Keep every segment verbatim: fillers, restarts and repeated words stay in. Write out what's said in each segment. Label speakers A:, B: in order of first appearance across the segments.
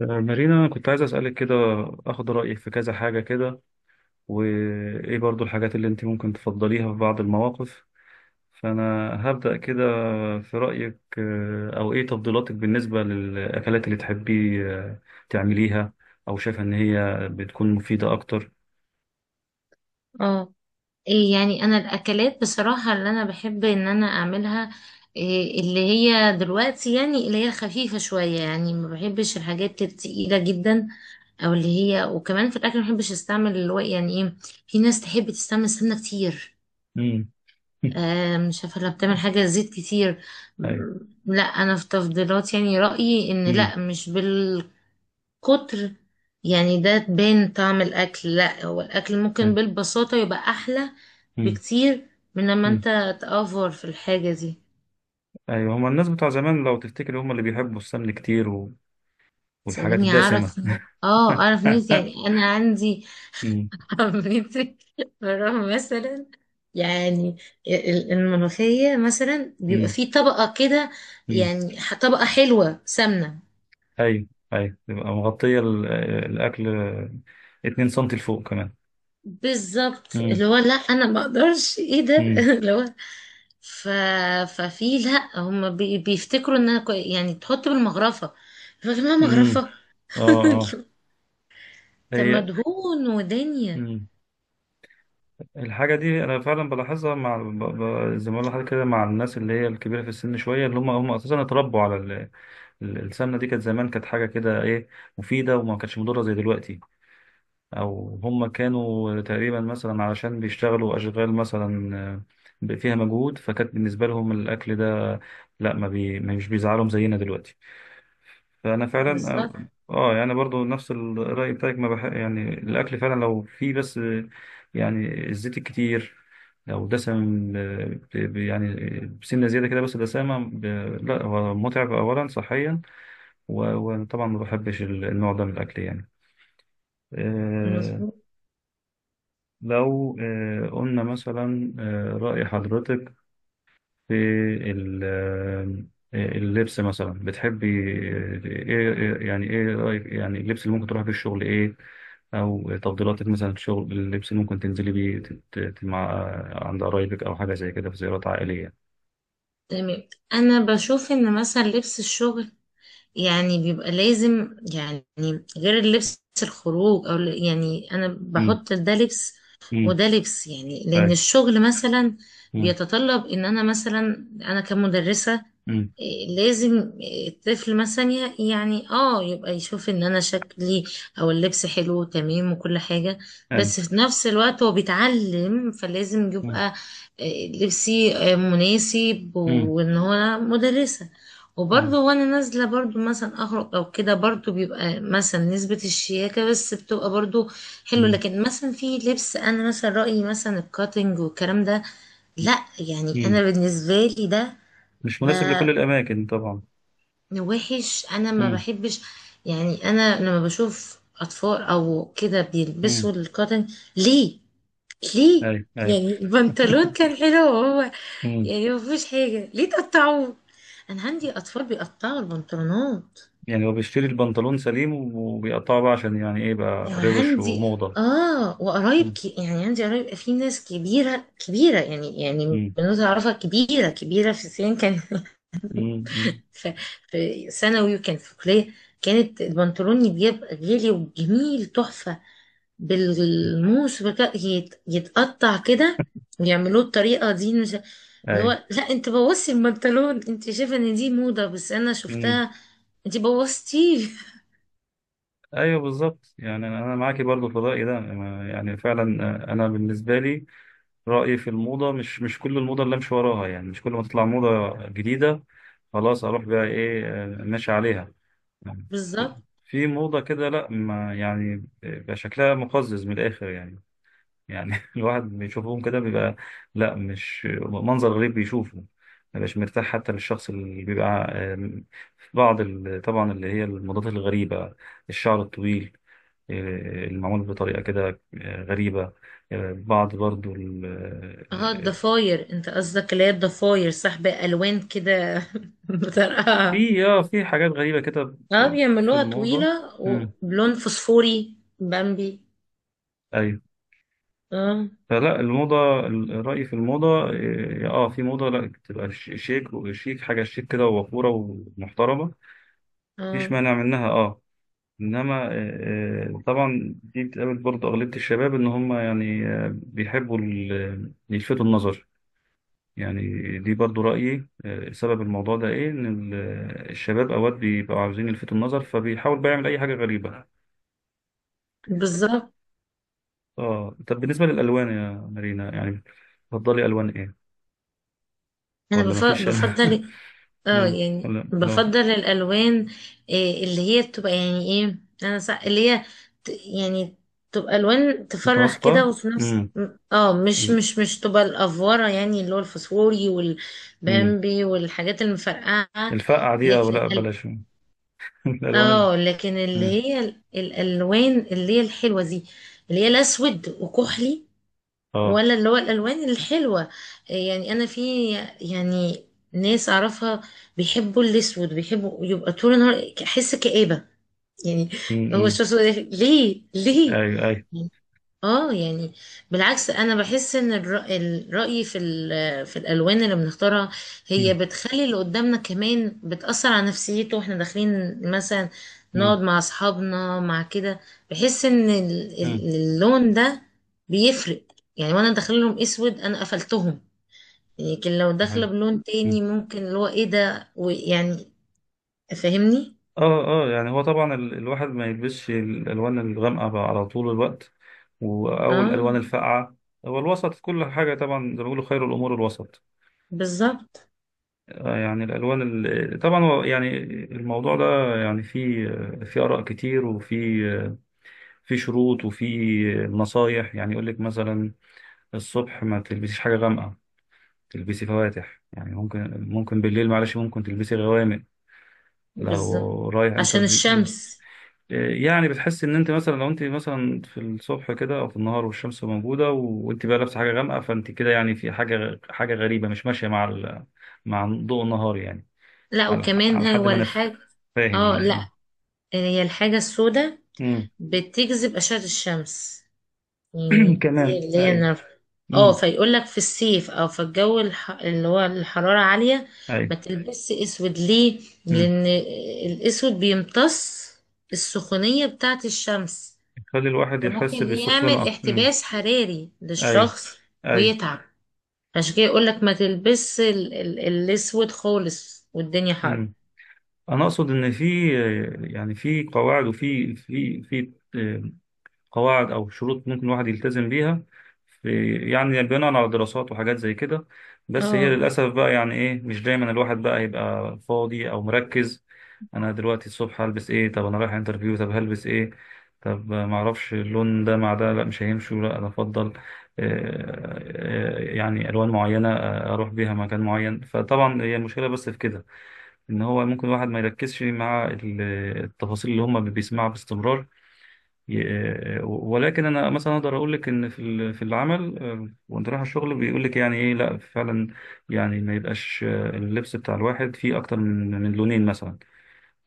A: مارينا، أنا كنت عايز أسألك كده، أخد رأيك في كذا حاجة كده، وإيه برضو الحاجات اللي أنت ممكن تفضليها في بعض المواقف. فأنا هبدأ كده. في رأيك آه، أو إيه تفضيلاتك بالنسبة للأكلات اللي تحبي آه، تعمليها، أو شايفة إن هي بتكون مفيدة أكتر؟
B: اه، إيه يعني انا الاكلات بصراحه اللي انا بحب ان انا اعملها إيه اللي هي دلوقتي، يعني اللي هي خفيفه شويه. يعني ما بحبش الحاجات التقيله جدا، او اللي هي. وكمان في الاكل ما بحبش استعمل اللي هو يعني ايه. في ناس تحب تستعمل سمنه كتير.
A: مم.
B: آه، مش عارفه لو بتعمل حاجه زيت كتير.
A: أيوه.
B: م- لا انا في تفضيلات، يعني رايي ان
A: مم.
B: لا، مش بالقطر كتر. يعني ده تبان طعم الأكل، لا هو الأكل ممكن
A: أيوه.
B: بالبساطة يبقى أحلى
A: مم.
B: بكتير من لما
A: مم.
B: أنت تأفور في الحاجة دي.
A: أيوه، هما الناس بتوع زمان لو تفتكر هما اللي بيحبوا السمن كتير و... والحاجات
B: تسألني
A: الدسمة.
B: أعرف، اه أعرف ناس. يعني أنا عندي
A: مم.
B: عمتي مرة مثلا، يعني ال- الملوخية مثلا بيبقى
A: مم.
B: فيه طبقة كده.
A: مم.
B: يعني ح- طبقة حلوة سمنة.
A: ايوه، ايوه، تبقى مغطية ال- الأكل، اتنين سنتي لفوق كمان.
B: بالظبط،
A: امم.
B: اللي هو لا انا ما اقدرش ايه ده
A: امم.
B: اللي هو ف... ففي، لا هم بي... بيفتكروا انها كو... يعني تحط بالمغرفة، فاكر انها
A: امم.
B: مغرفة.
A: اه. اه.
B: طب
A: هي.
B: مدهون ودنيا.
A: امم الحاجة دي أنا فعلا بلاحظها مع ب... ب... زي ما بقول لحضرتك كده، مع الناس اللي هي الكبيرة في السن شوية، اللي هم هم أساسا اتربوا على ال... ال- السمنة. دي كانت زمان، كانت حاجة كده إيه مفيدة، وما كانتش مضرة زي دلوقتي. أو هم كانوا تقريبا مثلا علشان بيشتغلوا أشغال مثلا، آه، ب- فيها مجهود، فكانت بالنسبة لهم الأكل ده، لا ما, بي... ما مش بيزعلهم زينا دلوقتي. فانا فعلا،
B: بالظبط.
A: اه، يعني برضو نفس الراي بتاعك، ما بح... يعني الاكل فعلا لو فيه، بس يعني الزيت الكتير، لو دسم، آه، ب- ب- يعني بسنه زياده كده، بس دسامه ب... لا هو متعب اولا صحيا، و- وطبعا ما بحبش ال- النوع ده من الاكل يعني آه
B: مظبوط.
A: لو آه قلنا مثلا، آه راي حضرتك في ال- آه، اللبس مثلا، بتحبي ايه؟ إيه- يعني ايه رأيك يعني اللبس اللي ممكن تروحي بيه الشغل ايه، او تفضيلاتك مثلا في الشغل، اللبس اللي ممكن تنزلي بيه تت- تت- مع عند قرايبك او حاجه زي كده في زيارات عائليه؟
B: تمام، انا بشوف ان مثلا لبس الشغل يعني بيبقى لازم، يعني غير اللبس الخروج او ال- يعني انا
A: امم.
B: بحط ده لبس
A: امم.
B: وده لبس. يعني لان
A: اي.
B: الشغل مثلا
A: امم.
B: بيتطلب ان انا مثلا انا كمدرسة.
A: امم.
B: إيه، لازم الطفل مثلا ي- يعني اه يبقى يشوف ان انا شكلي او اللبس حلو وتمام وكل حاجة.
A: اي.
B: بس في نفس الوقت هو بيتعلم، فلازم
A: امم.
B: يبقى إيه، لبسي آه، مناسب
A: امم.
B: وان هو أنا مدرسة.
A: أي.
B: وبرضه وانا نازله برضه مثلا اخرج او كده، برضه بيبقى مثلا نسبه الشياكه بس بتبقى برضه حلوه.
A: أمم.
B: لكن مثلا في لبس، انا مثلا رايي مثلا الكاتنج والكلام ده، لا. يعني
A: أمم.
B: انا بالنسبه لي ده
A: مش مناسب
B: ب-
A: لكل الاماكن طبعا.
B: وحش. انا ما
A: امم.
B: بحبش، يعني انا لما بشوف اطفال او كده
A: امم.
B: بيلبسوا الكاتنج، ليه؟ ليه؟
A: اي. اي.
B: يعني البنطلون كان حلو، وهو يعني ما فيهوش حاجه، ليه تقطعوه؟ انا عندي اطفال بيقطعوا البنطلونات.
A: يعني هو بيشتري البنطلون سليم وبيقطعه بقى عشان يعني ايه بقى روش
B: وعندي،
A: وموضة.
B: اه وقرايب
A: مم.
B: ك... يعني عندي قرايب في ناس كبيرة كبيرة، يعني يعني
A: مم.
B: بنوتة أعرفها كبيرة كبيرة في السن، كان
A: مم. مم.
B: في, في ثانوي وكانت في كلية، كانت البنطلون يبقى غالي وجميل تحفة، بالموس بك... يت... يتقطع كده ويعملوه الطريقة دي. مش اللي
A: ايوه.
B: هو لا، انت بوظتي البنطلون. انت شايفة ان دي موضة، بس انا
A: مم.
B: شفتها انت بوظتيه.
A: ايوه، بالظبط، يعني انا أنا معاكي برضو في الرأي ده. أنا- يعني فعلا، آه، انا بالنسبة لي رأيي في الموضة مش مش كل الموضة اللي امشي وراها. يعني مش كل ما تطلع موضة جديدة خلاص اروح بقى ايه آه، ماشي عليها يعني. في
B: بالظبط.
A: في موضة كده لا، ما يعني بيبقى شكلها مقزز من الاخر يعني، يعني الواحد بيشوفهم كده بيبقى لا، مش منظر غريب بيشوفه، ما بيبقاش مرتاح حتى للشخص اللي بيبقى آم، في بعض ال- طبعا اللي هي الموضات الغريبة، الشعر الطويل آه، المعمول بطريقة كده آه، غريبة، آه، بعض برضو ال- آه،
B: اه
A: آه،
B: الضفاير، انت قصدك اللي هي الضفاير، صح، بألوان كده. بطرقها.
A: في اه في حاجات غريبة كده
B: اه
A: ب- في
B: بيعملوها
A: الموضة.
B: طويلة
A: مم.
B: وبلون فوسفوري بامبي.
A: أيوة.
B: اه.
A: فلا الموضة الرأي في الموضة اه آه، في موضة لا، تبقى ش- شيك، وشيك، حاجة شيك كده ووقورة ومحترمة. مفيش
B: اه.
A: مانع منها اه. انما آه، آه، طبعا دي بتقابل برضه اغلبيه الشباب، ان هم يعني آه، بيحبوا ال- يلفتوا النظر يعني. دي برضه رايي، آه، سبب الموضوع ده ايه، ان ال- الشباب اوقات بيبقوا عاوزين يلفتوا النظر، فبيحاول بقى يعمل اي حاجه غريبه.
B: بالظبط.
A: اه، طب بالنسبه للالوان يا مارينا، يعني تفضلي الوان ايه
B: انا
A: ولا
B: بف-
A: مفيش؟
B: بفضل، اه
A: مم.
B: يعني
A: ولا ولا
B: بفضل الالوان إيه اللي هي بتبقى يعني ايه انا سا... اللي هي ت... يعني تبقى الوان تفرح كده،
A: متناسقه؟
B: وفي نفس
A: امم.
B: م- اه مش مش مش تبقى الافوره، يعني اللي هو الفسفوري
A: امم.
B: والبامبي والحاجات المفرقعه.
A: الفقعه دي أو
B: لكن
A: لا
B: الأل...
A: بلاش؟ الالوان ال-
B: اه لكن اللي
A: مم.
B: هي ال- الالوان اللي هي الحلوه دي، اللي هي الاسود وكحلي،
A: اه.
B: ولا اللي هو الالوان الحلوه. يعني انا في، يعني ناس اعرفها بيحبوا الاسود، بيحبوا يبقى طول النهار احس كآبة، يعني هو
A: امم.
B: الشخص ده ليه؟ ليه؟
A: ايوه. ايوه.
B: اه يعني بالعكس، انا بحس ان الر- الرأي في ال- في الالوان اللي بنختارها، هي
A: مم.
B: بتخلي اللي قدامنا كمان بتأثر على نفسيته. واحنا داخلين مثلا
A: مم.
B: نقعد مع اصحابنا مع كده، بحس ان ال-
A: مم.
B: ال- اللون ده بيفرق. يعني وانا داخل لهم اسود، انا قفلتهم. لكن لو
A: صحيح.
B: داخله بلون
A: مم.
B: تاني، ممكن اللي هو ايه ده ويعني، فاهمني.
A: اه، اه. يعني هو طبعا ال- الواحد ما يلبسش الالوان الغامقه بقى على طول الوقت، و- او الالوان
B: اه.
A: الفاقعه. هو الوسط كل حاجه طبعا، زي ما بيقولوا خير الامور الوسط.
B: بالظبط.
A: آه، يعني الالوان ال- طبعا هو يعني الموضوع ده يعني فيه في اراء كتير، وفي في شروط، وفي نصايح. يعني يقول لك مثلا الصبح ما تلبسيش حاجه غامقه، تلبسي فواتح. يعني ممكن، ممكن بالليل معلش ممكن تلبسي غوامق.
B: بالظبط،
A: لو رايح
B: عشان
A: انترفيو،
B: الشمس.
A: يعني بتحس ان انت مثلا لو انت مثلا في الصبح كده او في النهار والشمس موجوده، و- وانت بقى لابسه حاجه غامقه، فانت كده يعني في حاجه حاجه غريبه، مش ماشيه مع ال... مع ضوء النهار يعني،
B: لا
A: على ح-
B: وكمان
A: على حد
B: هو
A: ما انا ف-
B: الحاجة،
A: فاهم
B: اه
A: يعني.
B: لا، هي الحاجة السوداء
A: امم.
B: بتجذب أشعة الشمس، يعني دي
A: كمان
B: اللي هي
A: ايوه.
B: النار. اه
A: امم.
B: فيقول لك في الصيف او في الجو الح... اللي هو الحرارة عالية،
A: ايوه.
B: ما تلبسش اسود. ليه؟
A: امم.
B: لان الاسود بيمتص السخونية بتاعة الشمس،
A: يخلي الواحد
B: فممكن
A: يحس بالسخونه
B: يعمل
A: اكتر. امم.
B: احتباس حراري
A: ايوه.
B: للشخص
A: ايوه.
B: ويتعب. عشان كده يقول لك ما تلبسش ال... ال... الاسود خالص والدنيا حر.
A: امم. انا اقصد ان في، يعني في قواعد، وفي في في قواعد او شروط ممكن الواحد يلتزم بيها، في، يعني بناء على دراسات وحاجات زي كده. بس هي
B: اه.
A: للاسف بقى يعني ايه، مش دايما الواحد بقى هيبقى فاضي او مركز. انا دلوقتي الصبح هلبس ايه؟ طب انا رايح انترفيو طب هلبس ايه؟ طب ما اعرفش اللون ده مع ده لا مش هيمشوا، لا انا افضل آه، آه، يعني الوان معينه آه، اروح بيها مكان معين. فطبعا هي المشكله بس في كده، ان هو ممكن الواحد ما يركزش مع ال- التفاصيل اللي هم بيسمعها باستمرار. ي- ولكن انا مثلا اقدر اقول لك ان في ال- في العمل، آه، وانت رايح الشغل بيقول لك يعني ايه لا فعلا، يعني ما يبقاش آه، اللبس بتاع الواحد فيه اكتر من من لونين مثلا.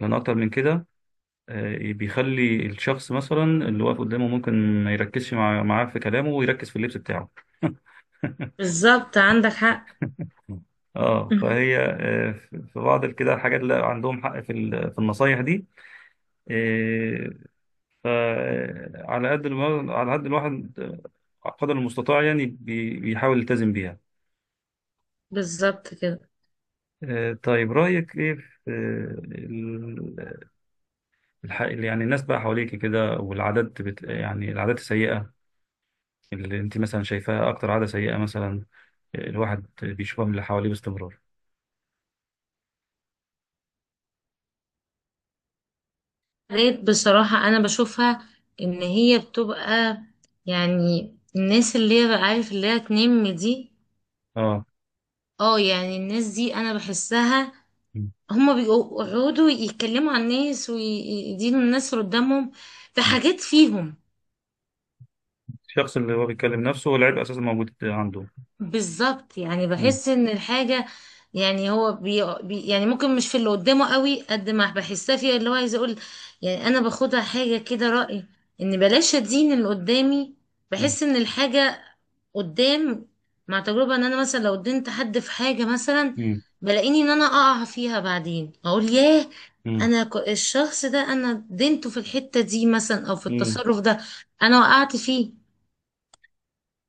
A: لان اكتر من كده آه، بيخلي الشخص مثلا اللي واقف قدامه ممكن ما يركزش مع معاه في كلامه، ويركز في اللبس بتاعه.
B: بالظبط عندك حق.
A: اه، فهي آه، في بعض كده الحاجات اللي عندهم حق في ال- في النصايح دي. آه، فعلى قد الوا- على قد الواحد، آه، قدر المستطاع يعني بي- بيحاول يلتزم بيها.
B: بالظبط كده.
A: آه، طيب رأيك إيه في آه، ال- الح- يعني الناس بقى حواليك كده والعادات بت... يعني العادات السيئة اللي أنت مثلا شايفاها أكتر عادة سيئة مثلا الواحد بيشوفها من اللي حواليه باستمرار؟
B: لقيت بصراحة أنا بشوفها إن هي بتبقى، يعني الناس اللي هي بقى عارف اللي هي تنم دي.
A: آه.
B: اه يعني الناس دي أنا بحسها
A: م.
B: هما بيقعدوا يتكلموا عن الناس ويدينوا الناس اللي قدامهم في
A: م.
B: حاجات فيهم.
A: الشخص اللي هو بيتكلم نفسه والعيب أساسا موجود عنده.
B: بالظبط، يعني
A: م.
B: بحس ان الحاجة، يعني هو بي بي يعني ممكن مش في اللي قدامه قوي قد ما بحسها فيها اللي هو عايز اقول. يعني انا باخدها حاجة كده رأي، ان بلاش ادين اللي قدامي. بحس ان الحاجة قدام، مع تجربة ان انا مثلا لو دينت حد في حاجة مثلا،
A: م.
B: بلاقيني ان انا اقع فيها بعدين اقول ياه،
A: م.
B: انا ك- الشخص ده انا دينته في الحتة دي مثلا او في
A: م.
B: التصرف ده، انا وقعت فيه.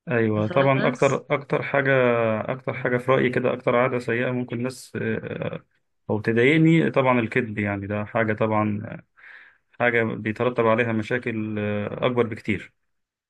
A: ايوه طبعا،
B: فاهمة؟
A: اكتر اكتر حاجه اكتر حاجه في رايي كده، اكتر عاده سيئه ممكن الناس آه، او تضايقني طبعا الكذب. يعني ده حاجه طبعا، حاجه بيترتب عليها مشاكل آه، اكبر بكتير.